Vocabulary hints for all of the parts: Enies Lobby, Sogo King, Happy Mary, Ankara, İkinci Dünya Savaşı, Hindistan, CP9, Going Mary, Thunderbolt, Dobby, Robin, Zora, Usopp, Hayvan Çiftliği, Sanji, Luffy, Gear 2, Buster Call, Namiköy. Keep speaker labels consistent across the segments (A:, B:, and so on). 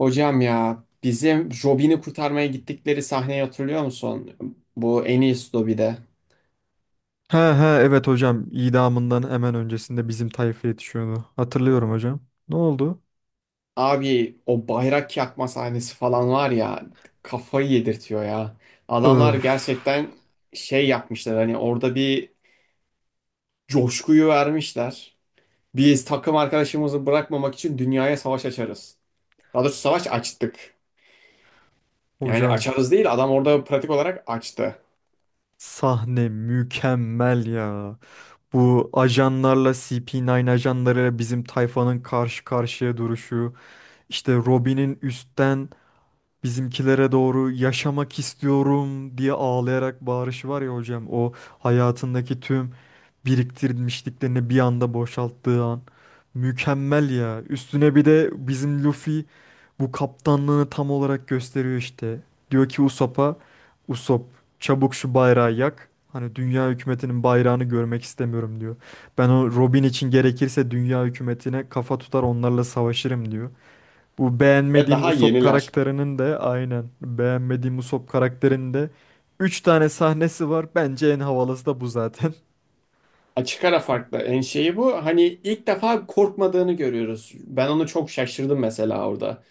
A: Hocam ya bizim Robin'i kurtarmaya gittikleri sahneyi hatırlıyor musun? Bu en iyisi Dobby'de.
B: He he, evet hocam, idamından hemen öncesinde bizim tayfa yetişiyordu. Hatırlıyorum hocam. Ne oldu?
A: Abi o bayrak yakma sahnesi falan var ya, kafayı yedirtiyor ya. Adamlar
B: Öf
A: gerçekten şey yapmışlar, hani orada bir coşkuyu vermişler. Biz takım arkadaşımızı bırakmamak için dünyaya savaş açarız. Daha doğrusu savaş açtık. Yani
B: hocam,
A: açarız değil, adam orada pratik olarak açtı.
B: sahne mükemmel ya. Bu ajanlarla CP9 ajanlarıyla bizim tayfanın karşı karşıya duruşu. İşte Robin'in üstten bizimkilere doğru yaşamak istiyorum diye ağlayarak bağırışı var ya hocam. O hayatındaki tüm biriktirmişliklerini bir anda boşalttığı an. Mükemmel ya. Üstüne bir de bizim Luffy bu kaptanlığını tam olarak gösteriyor işte. Diyor ki Usopp'a, Usopp çabuk şu bayrağı yak. Hani dünya hükümetinin bayrağını görmek istemiyorum diyor. Ben o Robin için gerekirse dünya hükümetine kafa tutar onlarla savaşırım diyor. Bu
A: Ve
B: beğenmediğim
A: daha
B: Usopp
A: yeniler.
B: karakterinin de aynen beğenmediğim Usopp karakterinin de 3 tane sahnesi var. Bence en havalısı da bu zaten.
A: Açık ara farklı. En şeyi bu. Hani ilk defa korkmadığını görüyoruz. Ben onu çok şaşırdım mesela orada.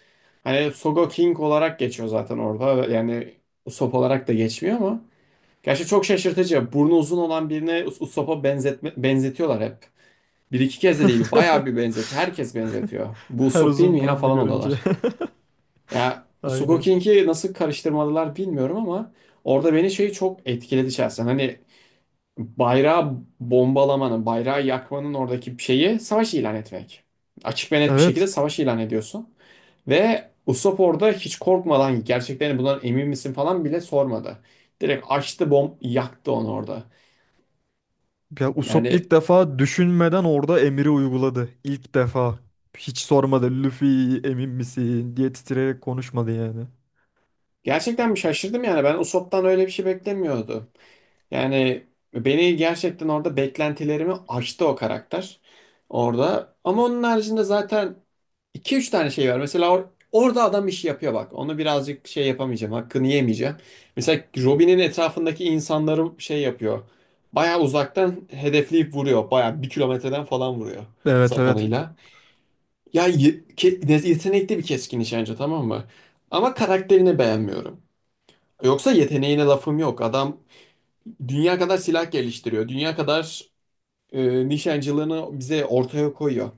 A: Hani Sogo King olarak geçiyor zaten orada. Yani Usopp olarak da geçmiyor ama. Gerçi çok şaşırtıcı. Burnu uzun olan birine Usopp'a benzetme, benzetiyorlar hep. Bir iki kez de değil. Bayağı bir benzetiyor. Herkes benzetiyor. Bu
B: Her
A: Usopp değil
B: uzun
A: mi ya
B: burunlu
A: falan
B: görünce.
A: oluyorlar. Ya Sogo
B: Aynen.
A: King'i nasıl karıştırmadılar bilmiyorum ama orada beni şey çok etkiledi şahsen. Hani bayrağı bombalamanın, bayrağı yakmanın oradaki şeyi savaş ilan etmek. Açık ve net bir şekilde
B: Evet.
A: savaş ilan ediyorsun. Ve Usopp orada hiç korkmadan gerçeklerini bundan emin misin falan bile sormadı. Direkt açtı, bomb yaktı onu orada.
B: Ya Usopp
A: Yani
B: ilk defa düşünmeden orada emiri uyguladı. İlk defa. Hiç sormadı. Luffy emin misin diye titreyerek konuşmadı yani.
A: gerçekten bir şaşırdım, yani ben Usopp'tan öyle bir şey beklemiyordu. Yani beni gerçekten orada beklentilerimi aştı o karakter orada. Ama onun haricinde zaten iki üç tane şey var. Mesela orada adam işi yapıyor bak. Onu birazcık şey yapamayacağım, hakkını yemeyeceğim. Mesela Robin'in etrafındaki insanları şey yapıyor. Bayağı uzaktan hedefleyip vuruyor. Bayağı 1 kilometreden falan vuruyor
B: Evet, evet.
A: sapanıyla. Ya yetenekli bir keskin nişancı, tamam mı? Ama karakterini beğenmiyorum. Yoksa yeteneğine lafım yok. Adam dünya kadar silah geliştiriyor. Dünya kadar nişancılığını bize ortaya koyuyor.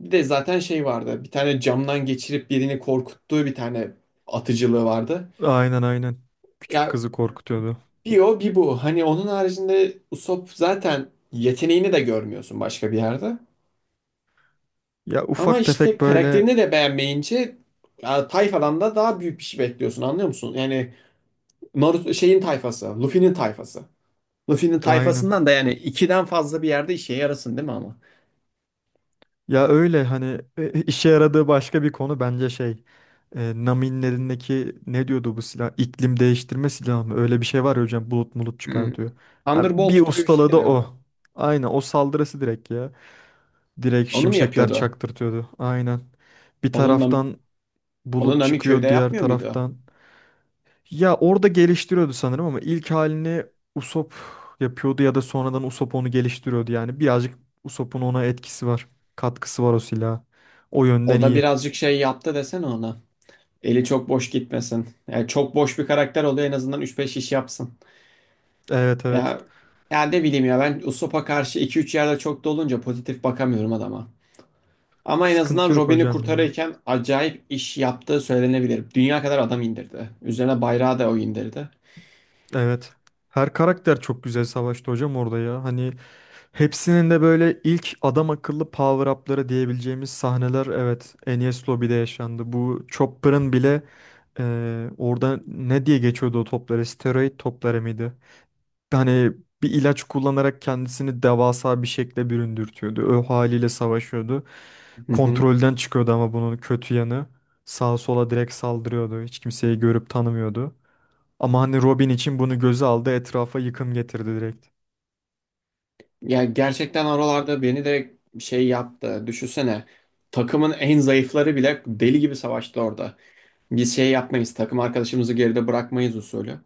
A: Bir de zaten şey vardı. Bir tane camdan geçirip birini korkuttuğu bir tane atıcılığı vardı.
B: Aynen, aynen. Küçük
A: Ya
B: kızı korkutuyordu.
A: bir o bir bu. Hani onun haricinde Usopp zaten yeteneğini de görmüyorsun başka bir yerde.
B: Ya
A: Ama
B: ufak
A: işte
B: tefek böyle.
A: karakterini de beğenmeyince ya, tayfadan da daha büyük bir şey bekliyorsun, anlıyor musun? Yani Naruto şeyin tayfası, Luffy'nin tayfası. Luffy'nin
B: Aynen.
A: tayfasından da yani ikiden fazla bir yerde işe yarasın değil mi ama?
B: Ya öyle hani işe yaradığı başka bir konu bence şey, Nami'nin elindeki ne diyordu, bu silah iklim değiştirme silahı mı, öyle bir şey var ya hocam, bulut mulut çıkartıyor. Ha, bir
A: Thunderbolt gibi bir şeydi
B: ustaladı
A: galiba.
B: o. Aynen o saldırısı direkt ya. Direkt
A: Onu mu
B: şimşekler
A: yapıyordu?
B: çaktırtıyordu. Aynen. Bir
A: Onunla,
B: taraftan
A: onu
B: bulut
A: Namiköy'de
B: çıkıyor diğer
A: yapmıyor muydu?
B: taraftan. Ya orada geliştiriyordu sanırım ama ilk halini Usopp yapıyordu, ya da sonradan Usopp onu geliştiriyordu yani. Birazcık Usopp'un ona etkisi var. Katkısı var o silaha. O yönden
A: O da
B: iyi.
A: birazcık şey yaptı desene ona. Eli çok boş gitmesin. Yani çok boş bir karakter oluyor, en azından üç beş iş yapsın.
B: Evet, evet.
A: Ya, ya ne bileyim ya, ben Usopp'a karşı iki üç yerde çok dolunca pozitif bakamıyorum adama. Ama en
B: Sıkıntı
A: azından
B: yok
A: Robin'i
B: hocam ya.
A: kurtarırken acayip iş yaptığı söylenebilir. Dünya kadar adam indirdi. Üzerine bayrağı da o indirdi.
B: Evet. Her karakter çok güzel savaştı hocam orada ya. Hani hepsinin de böyle ilk adam akıllı power up'ları diyebileceğimiz sahneler, evet, Enies Lobby'de yaşandı. Bu Chopper'ın bile orada ne diye geçiyordu o topları? Steroid topları mıydı? Hani bir ilaç kullanarak kendisini devasa bir şekle büründürtüyordu. O haliyle savaşıyordu.
A: Hı hı.
B: Kontrolden çıkıyordu ama bunun kötü yanı. Sağa sola direkt saldırıyordu. Hiç kimseyi görüp tanımıyordu. Ama hani Robin için bunu göze aldı, etrafa yıkım getirdi direkt.
A: Ya gerçekten oralarda beni de şey yaptı. Düşünsene. Takımın en zayıfları bile deli gibi savaştı orada. Biz şey yapmayız. Takım arkadaşımızı geride bırakmayız usulü.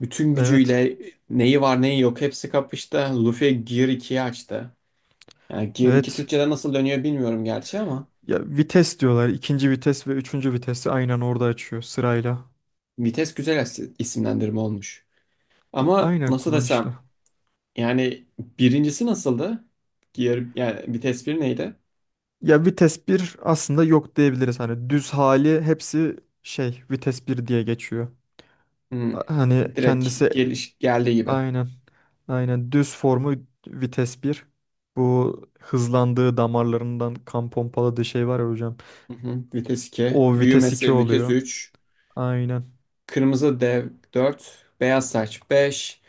A: Bütün
B: Evet.
A: gücüyle neyi var neyi yok hepsi kapıştı. Luffy Gear 2'yi açtı. Yani Gear 2
B: Evet.
A: Türkçe'de nasıl dönüyor bilmiyorum gerçi ama.
B: Ya vites diyorlar. İkinci vites ve üçüncü vitesi aynen orada açıyor sırayla.
A: Vites güzel isimlendirme olmuş. Ama
B: Aynen,
A: nasıl
B: kullanışlı.
A: desem, yani birincisi nasıldı? Diğer, yani vites bir neydi?
B: Ya vites bir aslında yok diyebiliriz. Hani düz hali hepsi şey vites bir diye geçiyor.
A: Hmm,
B: Hani
A: direkt
B: kendisi
A: geliş geldiği gibi.
B: aynen, aynen düz formu vites bir. Bu hızlandığı, damarlarından kan pompaladığı şey var ya hocam.
A: Hı hı. Vites 2,
B: O vites 2
A: büyümesi vites
B: oluyor.
A: 3,
B: Aynen.
A: kırmızı dev 4, beyaz saç 5.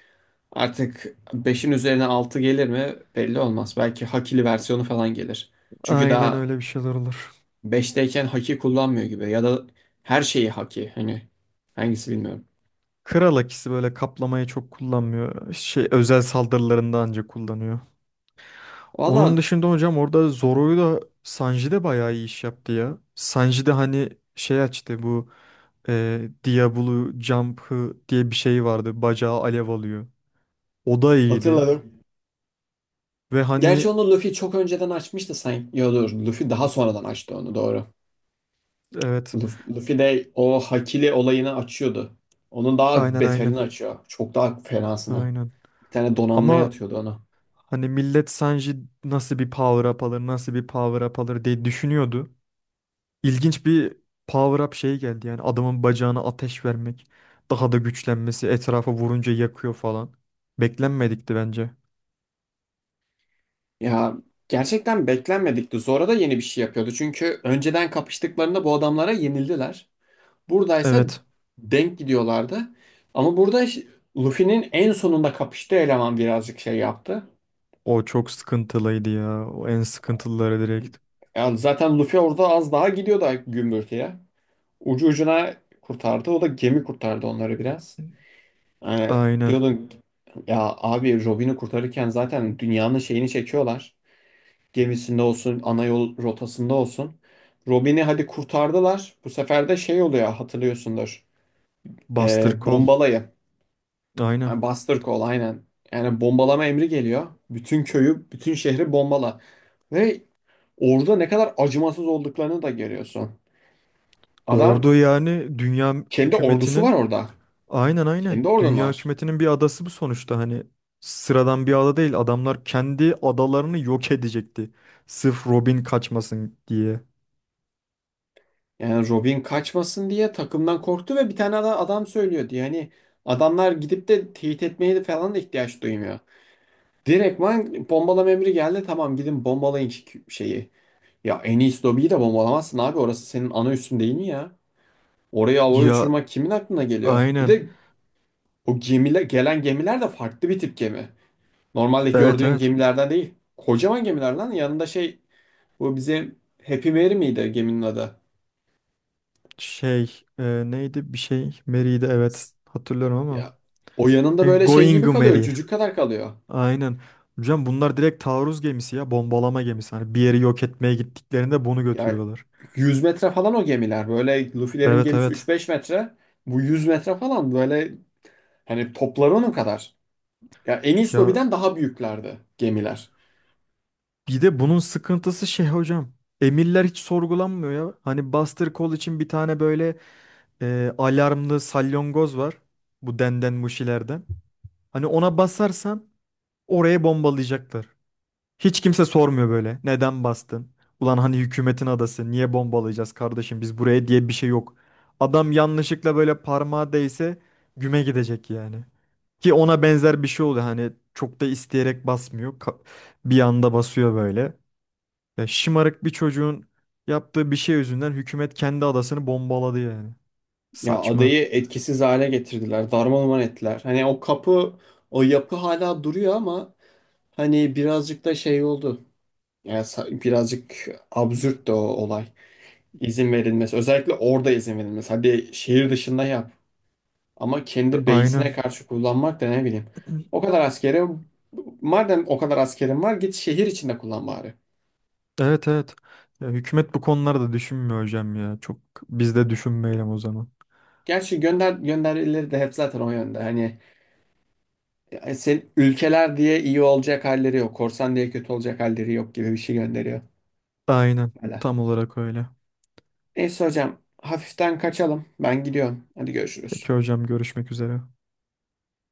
A: Artık 5'in üzerine 6 gelir mi belli olmaz. Belki hakili versiyonu falan gelir. Çünkü
B: Aynen,
A: daha
B: öyle bir şeyler olur.
A: 5'teyken haki kullanmıyor gibi, ya da her şeyi haki, hani hangisi bilmiyorum.
B: Kral akisi böyle kaplamayı çok kullanmıyor. Şey, özel saldırılarında ancak kullanıyor. Onun
A: Valla
B: dışında hocam orada Zoro'yu da Sanji de bayağı iyi iş yaptı ya. Sanji de hani şey açtı, bu Diablo Jump'ı diye bir şey vardı. Bacağı alev alıyor. O da iyiydi.
A: hatırladım.
B: Ve
A: Gerçi
B: hani
A: onu Luffy çok önceden açmıştı sanki. Yo dur, Luffy daha sonradan açtı onu, doğru.
B: evet,
A: Luffy de o Hakili olayını açıyordu. Onun daha
B: aynen, aynen,
A: beterini açıyor. Çok daha fenasını.
B: aynen.
A: Bir tane donanmaya
B: Ama
A: atıyordu onu.
B: hani millet Sanji nasıl bir power up alır, nasıl bir power up alır diye düşünüyordu. İlginç bir power up şey geldi yani, adamın bacağına ateş vermek. Daha da güçlenmesi, etrafa vurunca yakıyor falan. Beklenmedikti bence.
A: Ya gerçekten beklenmedikti. Zora da yeni bir şey yapıyordu. Çünkü önceden kapıştıklarında bu adamlara yenildiler. Buradaysa
B: Evet,
A: denk gidiyorlardı. Ama burada Luffy'nin en sonunda kapıştığı eleman birazcık şey yaptı.
B: o çok sıkıntılıydı ya. O en sıkıntılıları direkt.
A: Ya zaten Luffy orada az daha gidiyordu gümbürtüye. Ucu ucuna kurtardı. O da gemi kurtardı onları biraz. Yani
B: Aynen.
A: diyordun ya abi, Robin'i kurtarırken zaten dünyanın şeyini çekiyorlar. Gemisinde olsun, ana yol rotasında olsun. Robin'i hadi kurtardılar. Bu sefer de şey oluyor, hatırlıyorsundur.
B: Buster Call.
A: Bombalayı. Yani
B: Aynen.
A: Buster Call aynen. Yani bombalama emri geliyor. Bütün köyü, bütün şehri bombala. Ve orada ne kadar acımasız olduklarını da görüyorsun. Adam
B: Ordu yani dünya
A: kendi ordusu var
B: hükümetinin.
A: orada.
B: Aynen, aynen.
A: Kendi ordun
B: Dünya
A: var.
B: hükümetinin bir adası bu sonuçta, hani sıradan bir ada değil. Adamlar kendi adalarını yok edecekti. Sırf Robin kaçmasın diye.
A: Yani Robin kaçmasın diye takımdan korktu ve bir tane adam söylüyor diye. Hani adamlar gidip de teyit etmeye de falan da ihtiyaç duymuyor. Direktman bombalama emri geldi. Tamam, gidin bombalayın şeyi. Ya en iyisi lobiyi de bombalamazsın abi. Orası senin ana üssün değil mi ya? Oraya havaya
B: Ya
A: uçurmak kimin aklına geliyor? Bir
B: aynen.
A: de o gemiler, gelen gemiler de farklı bir tip gemi. Normalde
B: Evet,
A: gördüğün
B: evet.
A: gemilerden değil. Kocaman gemiler lan yanında, şey, bu bize Happy Mary miydi geminin adı?
B: Şey, neydi, bir şey Mary'di, evet. Hatırlıyorum ama.
A: Ya o yanında böyle şey
B: Going
A: gibi kalıyor.
B: Mary.
A: Cücük kadar kalıyor.
B: Aynen. Hocam bunlar direkt taarruz gemisi ya, bombalama gemisi. Hani bir yeri yok etmeye gittiklerinde bunu
A: Ya
B: götürüyorlar.
A: 100 metre falan o gemiler. Böyle Luffy'lerin
B: Evet,
A: gemisi
B: evet.
A: üç beş metre. Bu 100 metre falan böyle, hani topları onun kadar. Ya Enies
B: Ya,
A: Lobby'den daha büyüklerdi gemiler.
B: bir de bunun sıkıntısı şey hocam. Emirler hiç sorgulanmıyor ya. Hani Buster Call için bir tane böyle alarmlı salyongoz var. Bu denden muşilerden. Hani ona basarsan oraya bombalayacaklar. Hiç kimse sormuyor böyle. Neden bastın? Ulan hani hükümetin adası, niye bombalayacağız kardeşim biz buraya diye bir şey yok. Adam yanlışlıkla böyle parmağı değse güme gidecek yani. Ki ona benzer bir şey oluyor. Hani çok da isteyerek basmıyor. Bir anda basıyor böyle. Ya şımarık bir çocuğun yaptığı bir şey yüzünden hükümet kendi adasını bombaladı yani.
A: Ya
B: Saçma.
A: adayı etkisiz hale getirdiler. Darmaduman ettiler. Hani o kapı, o yapı hala duruyor ama hani birazcık da şey oldu. Ya birazcık absürt de o olay. İzin verilmesi. Özellikle orada izin verilmesi. Hadi şehir dışında yap. Ama kendi
B: Aynen.
A: base'ine karşı kullanmak da ne bileyim. O kadar askeri, madem o kadar askerin var git şehir içinde kullan bari.
B: Evet, evet. Ya hükümet bu konularda düşünmüyor hocam ya. Çok, biz de düşünmeyelim o zaman.
A: Gerçi gönder gönderileri de hep zaten o yönde. Hani sen ülkeler diye iyi olacak halleri yok. Korsan diye kötü olacak halleri yok gibi bir şey gönderiyor.
B: Aynen.
A: Hala.
B: Tam olarak öyle.
A: Neyse hocam, hafiften kaçalım. Ben gidiyorum. Hadi görüşürüz.
B: Peki hocam, görüşmek üzere.